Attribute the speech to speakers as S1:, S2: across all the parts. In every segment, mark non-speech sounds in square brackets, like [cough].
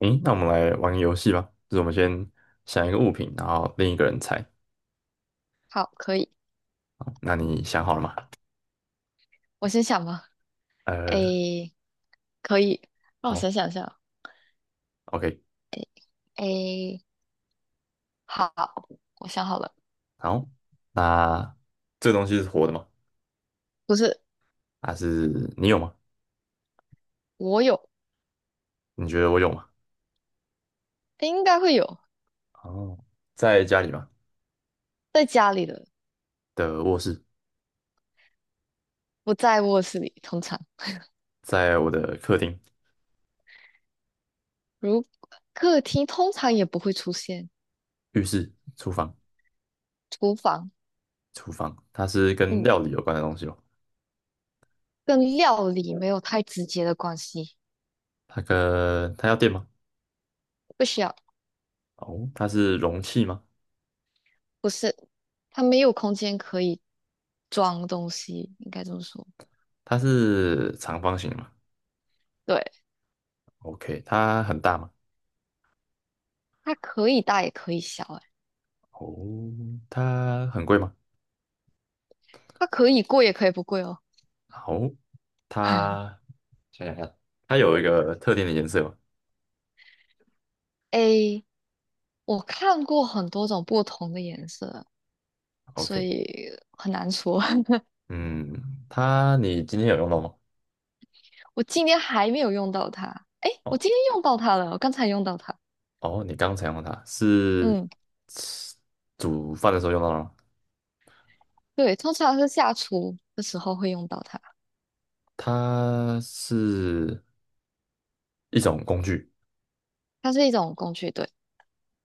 S1: 嗯，那我们来玩个游戏吧，就是我们先想一个物品，然后另一个人猜。
S2: 好，可以。
S1: 好那你想好了吗？
S2: 我先想吧。
S1: 呃，
S2: 诶，可以。让我
S1: 好
S2: 想一下。
S1: ，OK，
S2: 诶，好，我想好了。
S1: 好。那这个东西是活的吗？
S2: 不是，
S1: 还是你有吗？
S2: 我有，
S1: 你觉得我有吗？
S2: 应该会有，
S1: 哦，在家里吗？
S2: 在家里的，
S1: 的卧室，
S2: 不在卧室里，通常。
S1: 在我的客厅、
S2: 如客厅通常也不会出现，
S1: 浴室、厨房、
S2: 厨房，
S1: 厨房。它是跟
S2: 嗯，
S1: 料理有关的东西吗？
S2: 跟料理没有太直接的关系。
S1: 它要电吗？
S2: 不需要，
S1: 哦，它是容器吗？
S2: 不是，它没有空间可以装东西，应该这么说。
S1: 它是长方形的吗
S2: 对，
S1: ？OK，它很大吗？
S2: 它可以大也可以小，诶，
S1: 哦，它很贵吗？
S2: 它可以贵也可以不贵哦。
S1: 哦，
S2: [laughs]
S1: 它想想看，它有一个特定的颜色吗
S2: A 我看过很多种不同的颜色，所
S1: ？OK，
S2: 以很难说。[laughs]
S1: 嗯，你今天有用到吗？
S2: 我今天还没有用到它，诶，我
S1: 哦
S2: 今天用到它了，我刚才用到它。
S1: 哦，你刚才用到它是
S2: 嗯，
S1: 吃煮饭的时候用到的吗？
S2: 对，通常是下厨的时候会用到它，
S1: 它是一种工具，
S2: 它是一种工具。对，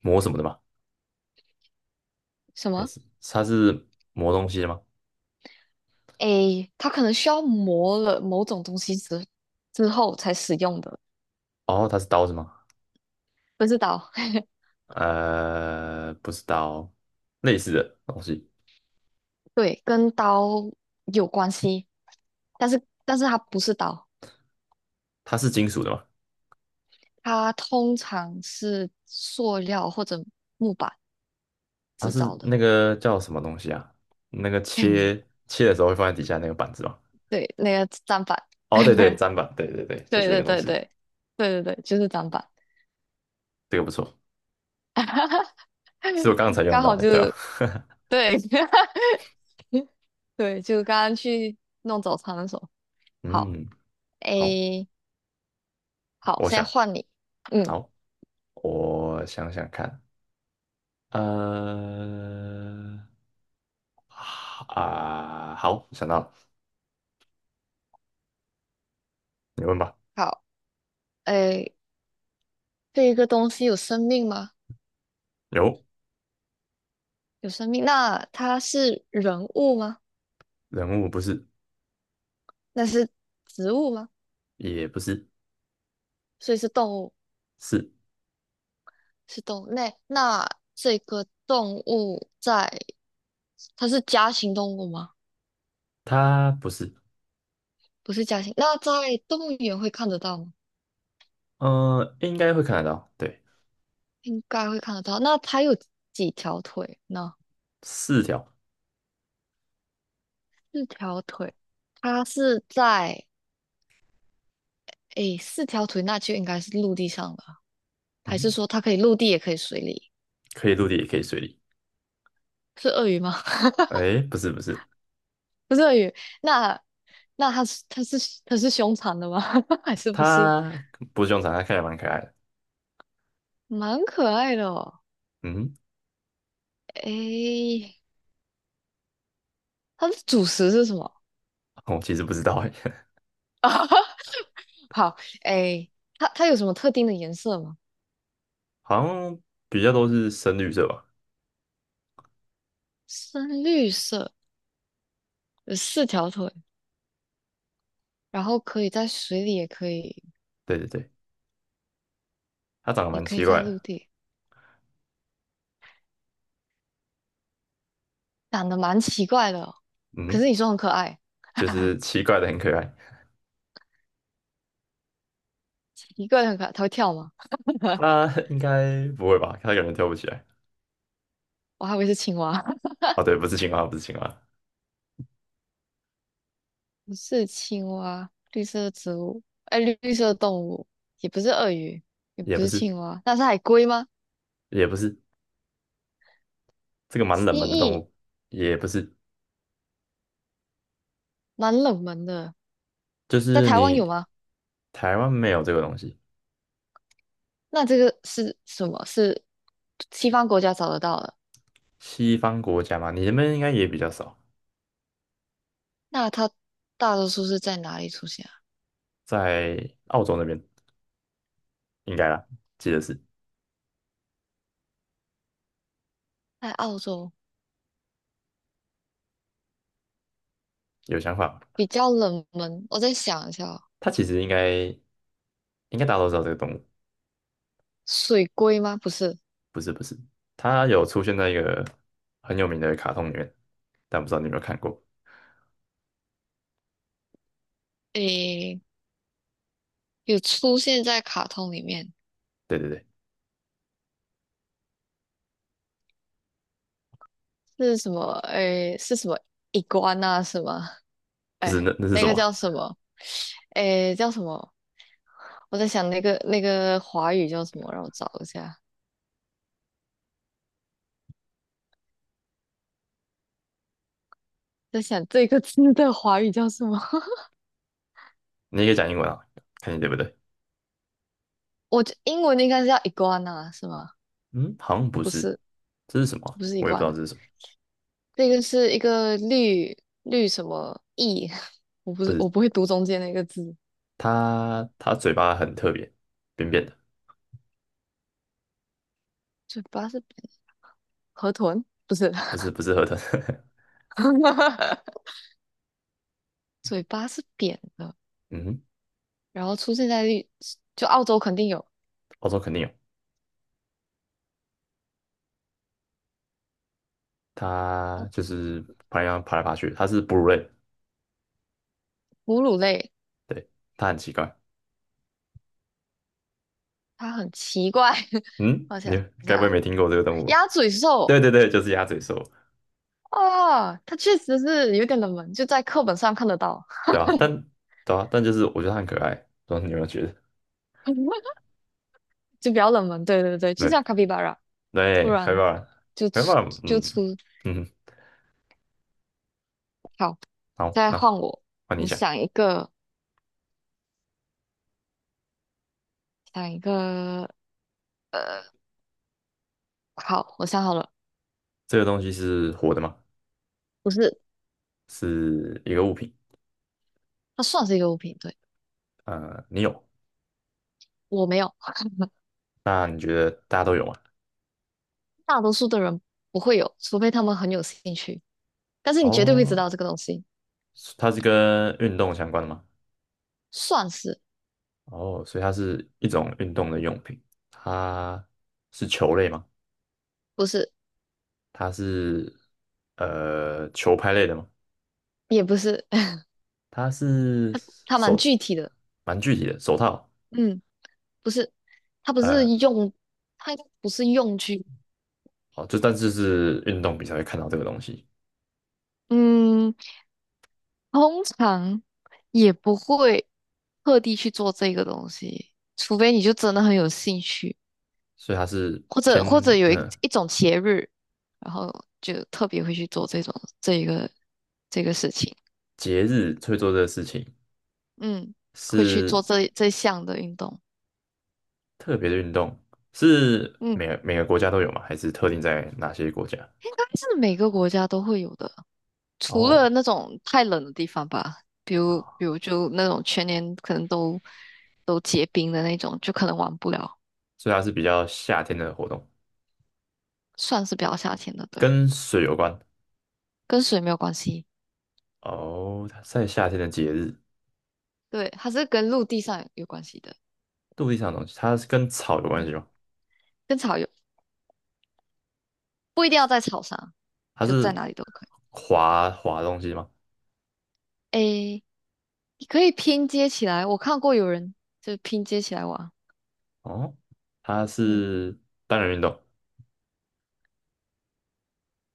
S1: 磨什么的吗？
S2: 什
S1: 还
S2: 么？
S1: 是它是磨东西的吗？
S2: 诶，它可能需要磨了某种东西之后才使用的，
S1: 哦，它是刀子吗？
S2: 不是刀。[laughs]
S1: 不是刀，类似的东西，
S2: 对，跟刀有关系，但是它不是刀，
S1: 它是金属的吗？
S2: 它通常是塑料或者木板
S1: 它
S2: 制造
S1: 是
S2: 的。
S1: 那个叫什么东西啊？那个
S2: [laughs]
S1: 切的时候会放在底下那个板子吗？
S2: 对，那个砧板，
S1: 哦，对
S2: [laughs]
S1: 对，
S2: 对
S1: 砧板，对对对，就
S2: 对
S1: 是那
S2: 对
S1: 个东
S2: 对
S1: 西，
S2: 对对对，就是砧板，
S1: 这个不错，是我刚才
S2: [laughs]
S1: 用
S2: 刚
S1: 到
S2: 好
S1: 的，
S2: 就
S1: 对啊，
S2: 是对。 [laughs] 对，就刚刚去弄早餐的时候，
S1: [laughs]
S2: 好，
S1: 嗯，好，
S2: 诶，好，
S1: 我
S2: 现在
S1: 想，
S2: 换你，嗯，
S1: 好，我想想看，呃，啊，好，想到了，你问吧。
S2: 好，诶，这一个东西有生命吗？
S1: 有
S2: 有生命，那它是人物吗？
S1: 人物不是，
S2: 那是植物吗？
S1: 也不是，
S2: 所以是动物。
S1: 是
S2: 是动物类。那这个动物在，它是家禽动物吗？
S1: 它不是，
S2: 不是家禽。那在动物园会看得到吗？
S1: 应该会看得到，对，
S2: 应该会看得到。那它有几条腿呢？
S1: 四条，
S2: 四条腿。它是在，诶，四条腿那就应该是陆地上了，还是
S1: 嗯，
S2: 说它可以陆地也可以水里？
S1: 可以陆地也可以水里，
S2: 是鳄鱼吗？[laughs]
S1: 哎，不是不是，
S2: 不是鳄鱼。那那它是凶残的吗？[laughs] 还是不是？
S1: 它不是凶残，它看起来蛮可爱的。
S2: 蛮可爱的哦。
S1: 嗯，
S2: 诶，它的主食是什么？[laughs]
S1: 我其实不知道哎，[laughs]
S2: 好，哎，它它有什么特定的颜色吗？
S1: 好像比较都是深绿色吧。
S2: 深绿色，有四条腿，然后可以在水里，也可以，
S1: 对对对，它长得
S2: 也
S1: 蛮
S2: 可以
S1: 奇
S2: 在
S1: 怪
S2: 陆
S1: 的。
S2: 地，长得蛮奇怪的哦，可是
S1: 嗯，
S2: 你说很可爱。
S1: 就是
S2: [laughs]
S1: 奇怪的很可爱。
S2: 奇怪的很可爱，它会跳吗？[laughs]
S1: 它 [laughs] 应该不会吧？它可能跳不起来。
S2: 我还以为是青蛙，
S1: 哦，对，不是青蛙，不是青蛙，
S2: [laughs] 不是青蛙，绿色的植物，哎，绿绿色的动物，也不是鳄鱼，也
S1: 也
S2: 不
S1: 不
S2: 是
S1: 是，
S2: 青蛙，那是海龟吗？
S1: 也不是，这个蛮
S2: 蜥
S1: 冷门的动
S2: 蜴，
S1: 物，也不是，
S2: 蛮冷门的，
S1: 就
S2: 在
S1: 是
S2: 台湾有
S1: 你
S2: 吗？
S1: 台湾没有这个东西，
S2: 那这个是什么？是西方国家找得到的？
S1: 西方国家嘛，你那边应该也比较少，
S2: 那它大多数是在哪里出现啊？
S1: 在澳洲那边应该啦，记得是
S2: 在澳洲，
S1: 有想法吧
S2: 比较冷门。我再想一下哦，
S1: 它其实应该大家都知道这个动物，
S2: 水龟吗？不是，
S1: 不是不是，它有出现在一个很有名的卡通里面，但不知道你有没有看过？
S2: 诶，有出现在卡通里面，
S1: 对对对，
S2: 是什么？诶，是什么？AN 啊？是吗？
S1: 不
S2: 诶，
S1: 是那是
S2: 那
S1: 什
S2: 个
S1: 么？
S2: 叫什么？诶，叫什么？我在想那个华语叫什么？让我找一下。在想这个字的华语叫什么？[laughs]
S1: 你也可以讲英文啊，看你对不对？
S2: 我觉英文应该是叫 iguana 是吗？
S1: 嗯，好像不
S2: 不
S1: 是，
S2: 是，
S1: 这是什么啊？
S2: 不是一
S1: 我也不知
S2: 罐
S1: 道
S2: 的，
S1: 这是什么，
S2: 这个是一个绿什么意，[laughs] 我不
S1: 不
S2: 是我
S1: 是
S2: 不会读中间那个字，
S1: 它嘴巴很特别，扁扁的，
S2: 嘴巴是扁的河豚，不是，
S1: 不是不是河豚，
S2: [laughs] 嘴巴是扁的，
S1: [laughs] 嗯哼，
S2: 然后出现在绿，就澳洲肯定有
S1: 欧洲肯定有，它就
S2: 哦，
S1: 是爬来爬去，它是哺乳类，
S2: 哺乳类，
S1: 对，它很奇怪，
S2: 它很奇怪，[laughs]
S1: 嗯，
S2: 我
S1: 你
S2: 想一
S1: 该
S2: 下
S1: 不会
S2: 啊，
S1: 没听过这个动物吧？
S2: 鸭嘴
S1: 对
S2: 兽
S1: 对对，就是鸭嘴兽。
S2: 啊，它确实是有点冷门，就在课本上看得到，
S1: 对啊，但对啊，但就是我觉得他很可爱，不知道你有没有觉得？[laughs]
S2: [laughs] 就比较冷门，对对对，就
S1: 对
S2: 像卡皮巴拉，突
S1: 对，开
S2: 然
S1: 挂了，
S2: 就
S1: 开
S2: 出
S1: 挂了，
S2: 就
S1: 嗯
S2: 出，
S1: 嗯，
S2: 好。
S1: 好，
S2: 再换
S1: 那
S2: 我，
S1: 换你
S2: 你
S1: 讲，
S2: 想一个，想一个，呃，好，我想好了，
S1: 这个东西是活的吗？
S2: 不是，
S1: 是一个物品，
S2: 它算是一个物品，对，
S1: 你有，
S2: 我没有，[laughs]
S1: 那你觉得大家都有吗？
S2: 大多数的人不会有，除非他们很有兴趣，但是你绝对会知
S1: 哦，
S2: 道这个东西，
S1: 它是跟运动相关的吗？
S2: 算是，
S1: 哦，所以它是一种运动的用品，它是球类吗？
S2: 不是，
S1: 它是球拍类的吗？
S2: 也不是，[laughs]
S1: 它是
S2: 它它蛮
S1: 手，
S2: 具体的，
S1: 蛮具体的手套。
S2: 嗯，不是，它不是
S1: 呃，
S2: 用，它不是用具，
S1: 好，就但是是运动比才会看到这个东西，
S2: 嗯，通常也不会特地去做这个东西，除非你就真的很有兴趣。
S1: 所以它是
S2: 或
S1: 偏
S2: 者或者有
S1: 嗯、
S2: 一
S1: 呃
S2: 一种节日，然后就特别会去做这种这一个这个事情，
S1: 节日会做这个事情，
S2: 嗯，会去做
S1: 是
S2: 这项的运动，
S1: 特别的运动，是
S2: 嗯，
S1: 每个国家都有吗？还是特定在哪些国家？
S2: 应该是每个国家都会有的，除了
S1: 哦，
S2: 那种太冷的地方吧，比如比
S1: 啊，
S2: 如就那种全年可能都都结冰的那种，就可能玩不了，
S1: 所以它是比较夏天的活动，
S2: 算是比较夏天的，对，
S1: 跟水有关。
S2: 跟水没有关系，
S1: 哦，它在夏天的节日，
S2: 对，它是跟陆地上有关系的，
S1: 陆地上的东西，它是跟草有关
S2: 嗯，
S1: 系吗？
S2: 跟草有，不一定要在草上，
S1: 它
S2: 就在
S1: 是
S2: 哪里都可以，
S1: 滑滑东西吗？
S2: 诶。你可以拼接起来，我看过有人就拼接起来玩。
S1: 哦，它
S2: 嗯，
S1: 是单人运动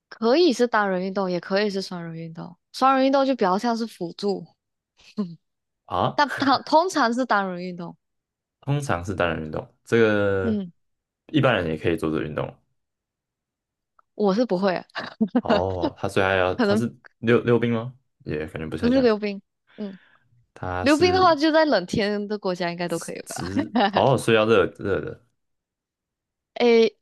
S2: 可以是单人运动，也可以是双人运动。双人运动就比较像是辅助，[laughs]
S1: 啊？
S2: 但它通常是单人运动。
S1: 通常是单人运动，这个
S2: 嗯，
S1: 一般人也可以做做个运动。
S2: 我是不会啊，
S1: 哦，他虽然要
S2: [laughs] 可
S1: 他
S2: 能
S1: 是溜溜冰吗？也感觉不
S2: 不
S1: 太
S2: 是
S1: 像，
S2: 溜冰。嗯，
S1: 他
S2: 溜冰的话，
S1: 是
S2: 就在冷天的国家应该都可以吧？
S1: 直哦，所以要热热的
S2: 诶，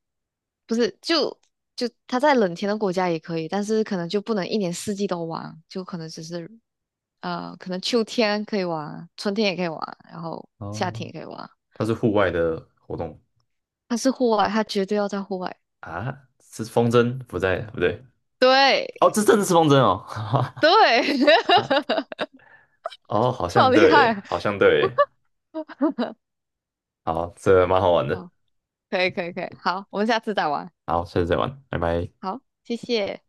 S2: 不是，就就它在冷天的国家也可以，但是可能就不能一年四季都玩，就可能只是呃，可能秋天可以玩，春天也可以玩，然后夏
S1: 哦，
S2: 天也可以玩。
S1: 他是户外的活动
S2: 它是户外，它绝对要在户外。
S1: 啊，是风筝不在不对哦，
S2: 对
S1: 这真的是风筝哦，
S2: 对，[laughs]
S1: [laughs] 哦，好
S2: 好
S1: 像
S2: 厉
S1: 对耶，
S2: 害！
S1: 好像对耶，好，这蛮好玩的，
S2: 好，可以可以可以，好，我们下次再玩。
S1: 好，下次再玩，拜拜。
S2: 好，谢谢。